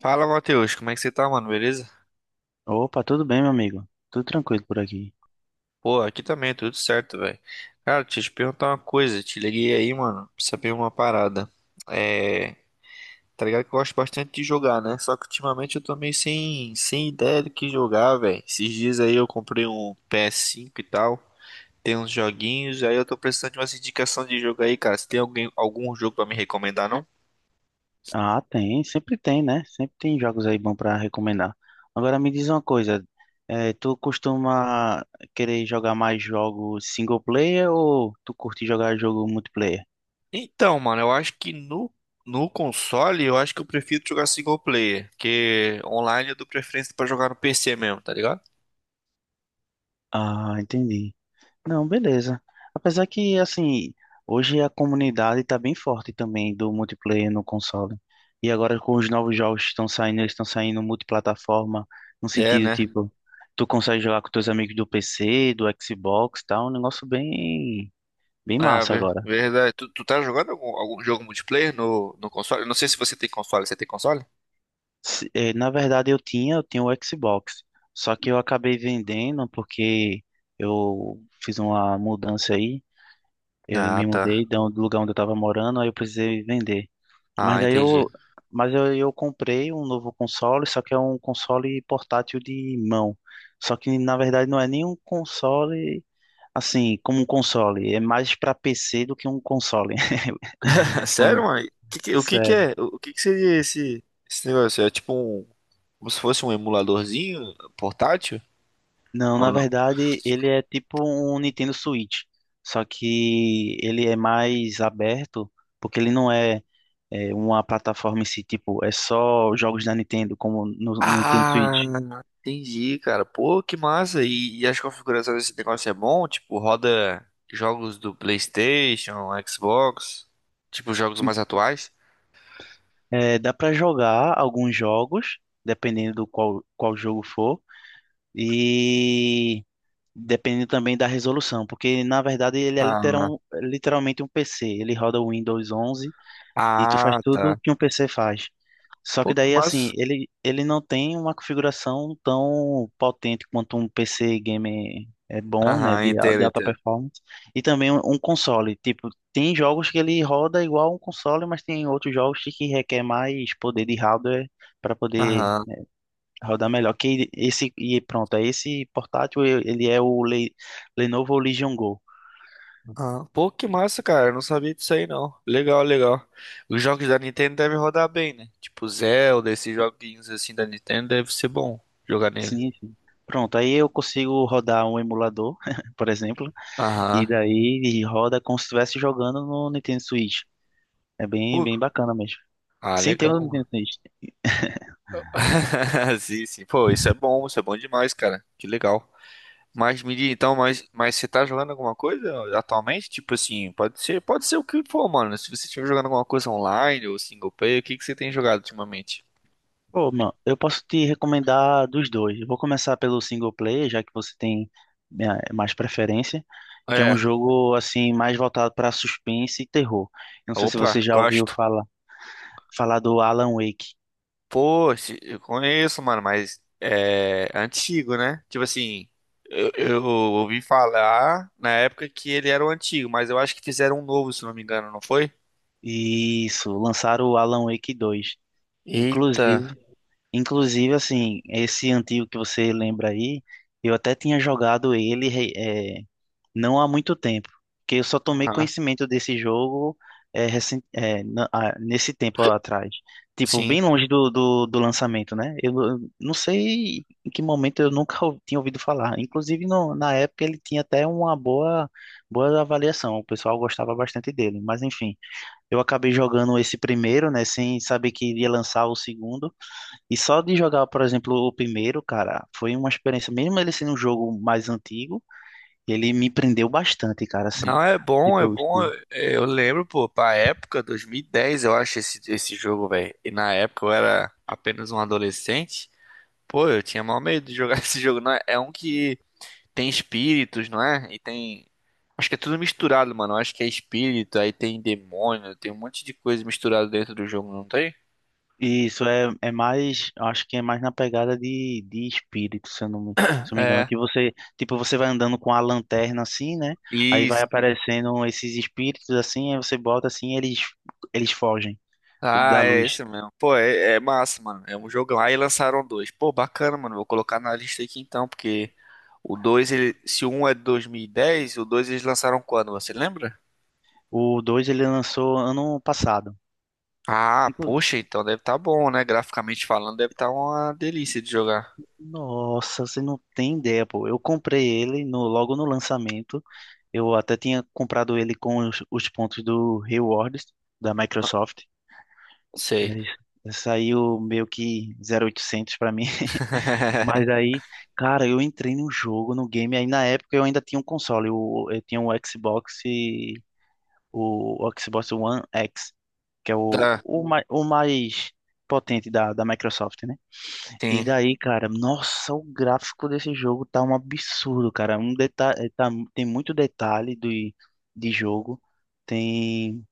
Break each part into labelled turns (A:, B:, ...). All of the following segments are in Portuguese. A: Fala, Matheus, como é que você tá, mano? Beleza?
B: Opa, tudo bem, meu amigo? Tudo tranquilo por aqui.
A: Pô, aqui também, tudo certo, velho. Cara, deixa eu te perguntar uma coisa. Te liguei aí, mano, pra saber uma parada. É, tá ligado que eu gosto bastante de jogar, né? Só que ultimamente eu tô meio sem ideia do que jogar, velho. Esses dias aí eu comprei um PS5 e tal. Tem uns joguinhos, aí eu tô precisando de umas indicações de jogo aí, cara. Você tem alguém, algum jogo pra me recomendar, não?
B: Ah, tem, sempre tem, né? Sempre tem jogos aí bons pra recomendar. Agora me diz uma coisa, tu costuma querer jogar mais jogos single player ou tu curte jogar jogo multiplayer?
A: Então, mano, eu acho que no console, eu acho que eu prefiro jogar single player, porque online eu dou preferência pra jogar no PC mesmo, tá ligado?
B: Ah, entendi. Não, beleza. Apesar que, assim, hoje a comunidade tá bem forte também do multiplayer no console. E agora com os novos jogos que estão saindo, eles estão saindo multiplataforma, no
A: É,
B: sentido,
A: né?
B: tipo, tu consegue jogar com teus amigos do PC, do Xbox, tá? Um negócio bem, bem
A: Ah,
B: massa agora.
A: verdade. Tu tá jogando algum jogo multiplayer no console? Eu não sei se você tem console. Você tem console?
B: Na verdade, eu tinha o Xbox, só que eu acabei vendendo porque eu fiz uma mudança aí, eu
A: Ah,
B: me
A: tá.
B: mudei do lugar onde eu tava morando, aí eu precisei vender. Mas
A: Ah,
B: daí
A: entendi.
B: eu, mas eu comprei um novo console, só que é um console portátil de mão. Só que na verdade não é nem um console assim, como um console, é mais para PC do que um console.
A: Sério,
B: Hum,
A: mano? O que que
B: Sério.
A: é? O que que seria esse, esse negócio? É tipo um, como se fosse um emuladorzinho portátil?
B: Não, na verdade ele é tipo um Nintendo Switch, só que ele é mais aberto, porque ele não é, é uma plataforma em si, tipo, é só jogos da Nintendo, como no Nintendo
A: Ah,
B: Switch.
A: entendi, cara. Pô, que massa. E as configurações desse negócio é bom? Tipo, roda jogos do PlayStation, Xbox, tipo jogos mais atuais?
B: É, dá para jogar alguns jogos, dependendo qual jogo for, e dependendo também da resolução, porque na verdade ele é
A: Ah,
B: literalmente um PC. Ele roda o Windows 11 e tu faz
A: ah,
B: tudo
A: tá.
B: que um PC faz. Só
A: Pô,
B: que
A: que
B: daí,
A: massa.
B: assim, ele não tem uma configuração tão potente quanto um PC gamer é bom, né,
A: Aham, entendo,
B: de alta
A: entendo.
B: performance, e também um console. Tipo, tem jogos que ele roda igual um console, mas tem outros jogos que requer mais poder de hardware para poder
A: Aham,
B: rodar melhor. E pronto, aí esse portátil, ele é o Lenovo Legion Go.
A: aham. Pô, que massa, cara. Eu não sabia disso aí, não. Legal, legal. Os jogos da Nintendo devem rodar bem, né? Tipo, Zelda, esses joguinhos assim da Nintendo deve ser bom jogar nele.
B: Sim, sim. Pronto, aí eu consigo rodar um emulador, por exemplo.
A: Aham.
B: E daí ele roda como se estivesse jogando no Nintendo Switch. É bem,
A: Pô,
B: bem bacana mesmo.
A: Ah,
B: Sim, tem
A: legal.
B: o Nintendo Switch.
A: Sim, sim. Pô, isso é bom demais, cara. Que legal. Mas me diz, então, mas você tá jogando alguma coisa atualmente? Tipo assim, pode ser o que for, mano. Se você estiver jogando alguma coisa online ou single player, o que que você tem jogado ultimamente?
B: Pô, mano, eu posso te recomendar dos dois. Eu vou começar pelo single player, já que você tem mais preferência, que é um
A: É,
B: jogo assim mais voltado para suspense e terror. Eu não sei se
A: Opa,
B: você já ouviu
A: gosto.
B: falar do Alan Wake.
A: Pô, eu conheço, mano, mas é antigo, né? Tipo assim, eu ouvi falar na época que ele era o antigo, mas eu acho que fizeram um novo, se não me engano, não foi?
B: Isso, lançaram o Alan Wake dois.
A: Eita.
B: Inclusive, inclusive assim, esse antigo que você lembra aí, eu até tinha jogado ele. Não há muito tempo, que eu só tomei
A: Aham.
B: conhecimento desse jogo nesse tempo atrás. Tipo,
A: Sim.
B: bem longe do lançamento, né? Eu não sei em que momento eu nunca ou- tinha ouvido falar. Inclusive, na época ele tinha até uma boa avaliação, o pessoal gostava bastante dele. Mas enfim, eu acabei jogando esse primeiro, né? Sem saber que iria lançar o segundo. E só de jogar, por exemplo, o primeiro, cara, foi uma experiência, mesmo ele sendo um jogo mais antigo. Ele me prendeu bastante, cara, assim.
A: Não, é bom,
B: Tipo,
A: é
B: o
A: bom.
B: estilo.
A: Eu lembro, pô, pra época, 2010, eu acho esse, esse jogo, velho. E na época eu era apenas um adolescente. Pô, eu tinha mal medo de jogar esse jogo. Não é? É um que tem espíritos, não é? E tem. Acho que é tudo misturado, mano. Acho que é espírito, aí tem demônio, tem um monte de coisa misturada dentro do jogo, não tem?
B: Isso é, é mais, eu acho que é mais na pegada de espírito, se eu não me engano,
A: É.
B: que você, tipo, você vai andando com a lanterna assim, né? Aí
A: E
B: vai aparecendo esses espíritos assim, aí você bota assim, e eles fogem
A: ah,
B: da
A: é
B: luz.
A: esse mesmo. Pô, é, é massa, mano. É um jogo. Jogão. Aí lançaram dois. Pô, bacana, mano. Vou colocar na lista aqui então, porque o dois, ele... se o um é de 2010, o dois eles lançaram quando? Você lembra?
B: O 2 ele lançou ano passado.
A: Ah, poxa, então deve estar bom, né? Graficamente falando, deve estar uma delícia de jogar.
B: Nossa, você não tem ideia, pô. Eu comprei ele logo no lançamento. Eu até tinha comprado ele com os pontos do Rewards da
A: Ah,
B: Microsoft. E
A: sei.
B: aí saiu meio que 0,800 pra mim. Mas aí, cara, eu entrei no jogo, no game. Aí na época eu ainda tinha um console. Eu tinha um Xbox e o Xbox One X, que é
A: Tá,
B: o mais potente da Microsoft, né? E
A: tem,
B: daí, cara, nossa, o gráfico desse jogo tá um absurdo, cara. Tem muito detalhe de jogo. Tem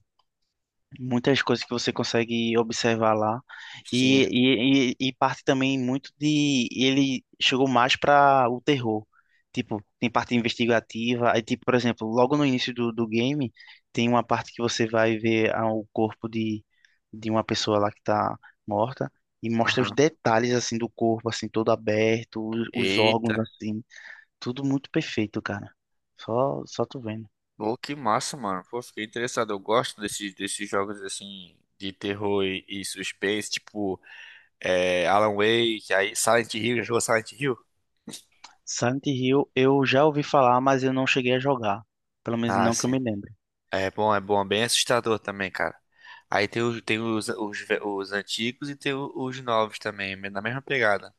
B: muitas coisas que você consegue observar lá
A: sim.
B: e, e parte também muito de ele chegou mais para o terror, tipo tem parte investigativa, aí tipo por exemplo logo no início do game tem uma parte que você vai ver o corpo de uma pessoa lá que tá morta e mostra os
A: Aham.
B: detalhes assim do corpo assim todo aberto, os
A: Eita.
B: órgãos assim tudo muito perfeito, cara. Só só tu vendo.
A: Pô, que massa, mano. Pô, fiquei interessado. Eu gosto desses jogos assim de terror e suspense, tipo. É, Alan Wake, aí Silent Hill, já jogou Silent Hill?
B: Silent Hill eu já ouvi falar, mas eu não cheguei a jogar. Pelo menos
A: Ah,
B: não que eu
A: sim.
B: me lembre.
A: É bom, é bom, é bem assustador também, cara. Aí tem os, ve- os antigos e tem os novos também, na mesma pegada.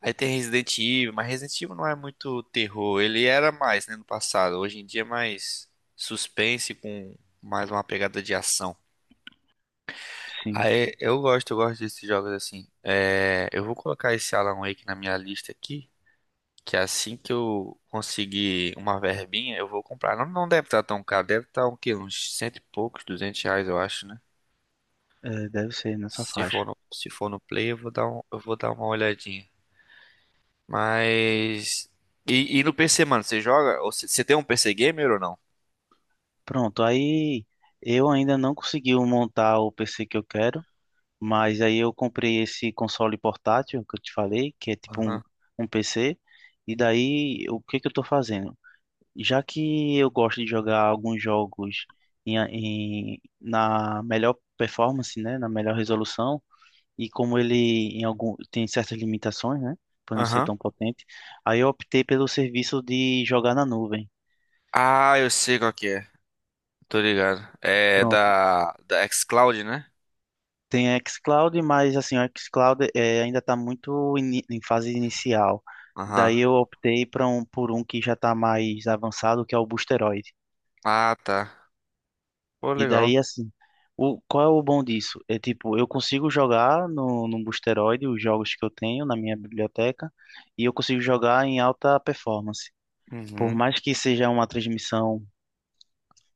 A: Aí tem Resident Evil, mas Resident Evil não é muito terror, ele era mais, né, no passado. Hoje em dia é mais suspense com mais uma pegada de ação.
B: Sim,
A: Aí eu gosto desses jogos assim. É, eu vou colocar esse Alan Wake na minha lista aqui. Que assim que eu conseguir uma verbinha, eu vou comprar. Não, não deve estar tão caro, deve estar um quê? Uns cento e poucos, duzentos reais, eu acho, né?
B: é, deve ser nessa faixa.
A: Se for no Play, eu vou dar eu vou dar uma olhadinha. Mas. E no PC, mano, você joga? Ou você tem um PC gamer ou não?
B: Pronto, aí eu ainda não consegui montar o PC que eu quero, mas aí eu comprei esse console portátil que eu te falei, que é tipo um,
A: Aham.
B: um PC. E daí, o que que eu tô fazendo? Já que eu gosto de jogar alguns jogos na melhor performance, né, na melhor resolução, e como ele em algum tem certas limitações, né, por não ser
A: Aham.
B: tão potente, aí eu optei pelo serviço de jogar na nuvem.
A: Ah, eu sei qual que é. Tô ligado. É
B: Pronto.
A: da xCloud, né?
B: Tem a xCloud, mas assim, o xCloud ainda está muito em fase inicial. Daí
A: Aham.
B: eu optei para um por um que já está mais avançado, que é o Boosteroid.
A: Ah, tá. Pô,
B: E
A: legal.
B: daí assim, o qual é o bom disso? É tipo, eu consigo jogar no Boosteroid os jogos que eu tenho na minha biblioteca e eu consigo jogar em alta performance, por
A: Uhum.
B: mais que seja uma transmissão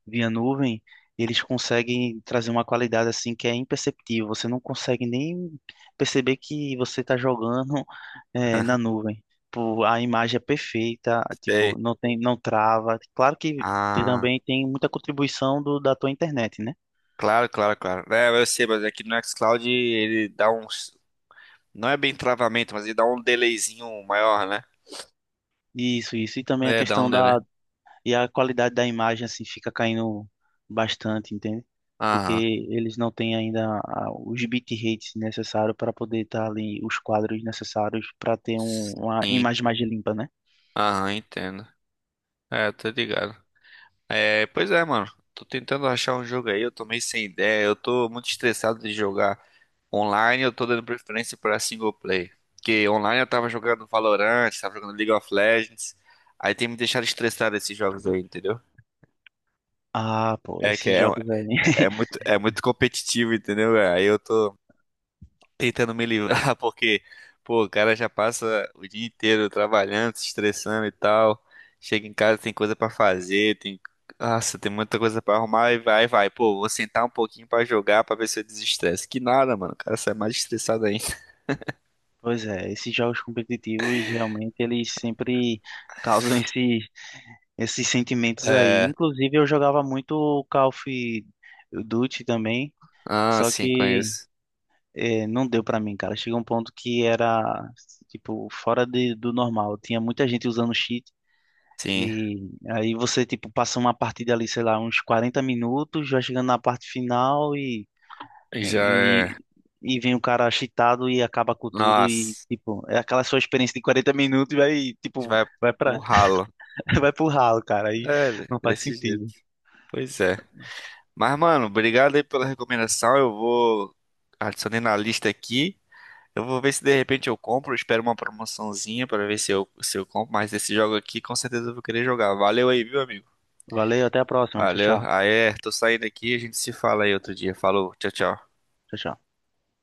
B: via nuvem, eles conseguem trazer uma qualidade assim que é imperceptível. Você não consegue nem perceber que você está jogando na nuvem. Pô, a imagem é perfeita,
A: Sei.
B: tipo, não tem, não trava. Claro que
A: Ah.
B: também tem muita contribuição do, da tua internet, né?
A: Claro, claro, claro. É, eu sei, mas aqui no Xcloud ele dá uns. Não é bem travamento, mas ele dá um delayzinho maior, né?
B: Isso, isso. E também a
A: É, dá um
B: questão
A: delay.
B: da... E a qualidade da imagem assim fica caindo bastante, entende? Porque
A: Aham.
B: eles não têm ainda os bitrates necessários para poder estar ali, os quadros necessários para ter uma
A: Sim.
B: imagem mais limpa, né?
A: Aham, entendo. É, tô ligado. É, pois é, mano. Tô tentando achar um jogo aí, eu tô meio sem ideia. Eu tô muito estressado de jogar online, eu tô dando preferência pra single play. Porque online eu tava jogando Valorant, tava jogando League of Legends. Aí tem me deixado estressado esses jogos aí, entendeu?
B: Ah, pô,
A: É que
B: esses
A: é, um,
B: jogos aí.
A: É muito competitivo, entendeu? Aí eu tô tentando me livrar porque, pô, o cara já passa o dia inteiro trabalhando, se estressando e tal. Chega em casa, tem coisa pra fazer, tem, nossa, tem muita coisa pra arrumar e vai, vai. Pô, vou sentar um pouquinho pra jogar pra ver se eu desestresse. Que nada, mano. O cara sai mais estressado ainda.
B: Pois é, esses jogos competitivos realmente eles sempre causam esses sentimentos aí.
A: É,
B: Inclusive eu jogava muito o Call of Duty também,
A: ah,
B: só
A: sim,
B: que
A: conheço.
B: É, não deu pra mim, cara. Chegou um ponto que era, tipo, fora do normal. Tinha muita gente usando cheat.
A: Sim,
B: E aí você, tipo, passa uma partida ali, sei lá, uns 40 minutos, já chegando na parte final é,
A: já
B: e,
A: é.
B: e vem o cara cheatado e acaba com tudo. E,
A: Nossa,
B: tipo, é aquela sua experiência de 40 minutos e vai,
A: a gente
B: tipo,
A: vai
B: vai
A: pro
B: pra...
A: ralo.
B: Vai pro ralo, cara. Aí
A: É,
B: não faz
A: desse jeito.
B: sentido.
A: Pois é. Mas, mano, obrigado aí pela recomendação. Eu vou adicionei na lista aqui. Eu vou ver se de repente eu compro. Espero uma promoçãozinha pra ver se eu, se eu compro. Mas esse jogo aqui, com certeza eu vou querer jogar. Valeu aí, viu, amigo?
B: Valeu, até a próxima. Tchau,
A: Valeu.
B: tchau.
A: Aí, é, tô saindo aqui. A gente se fala aí outro dia. Falou, tchau, tchau.
B: Tchau, tchau.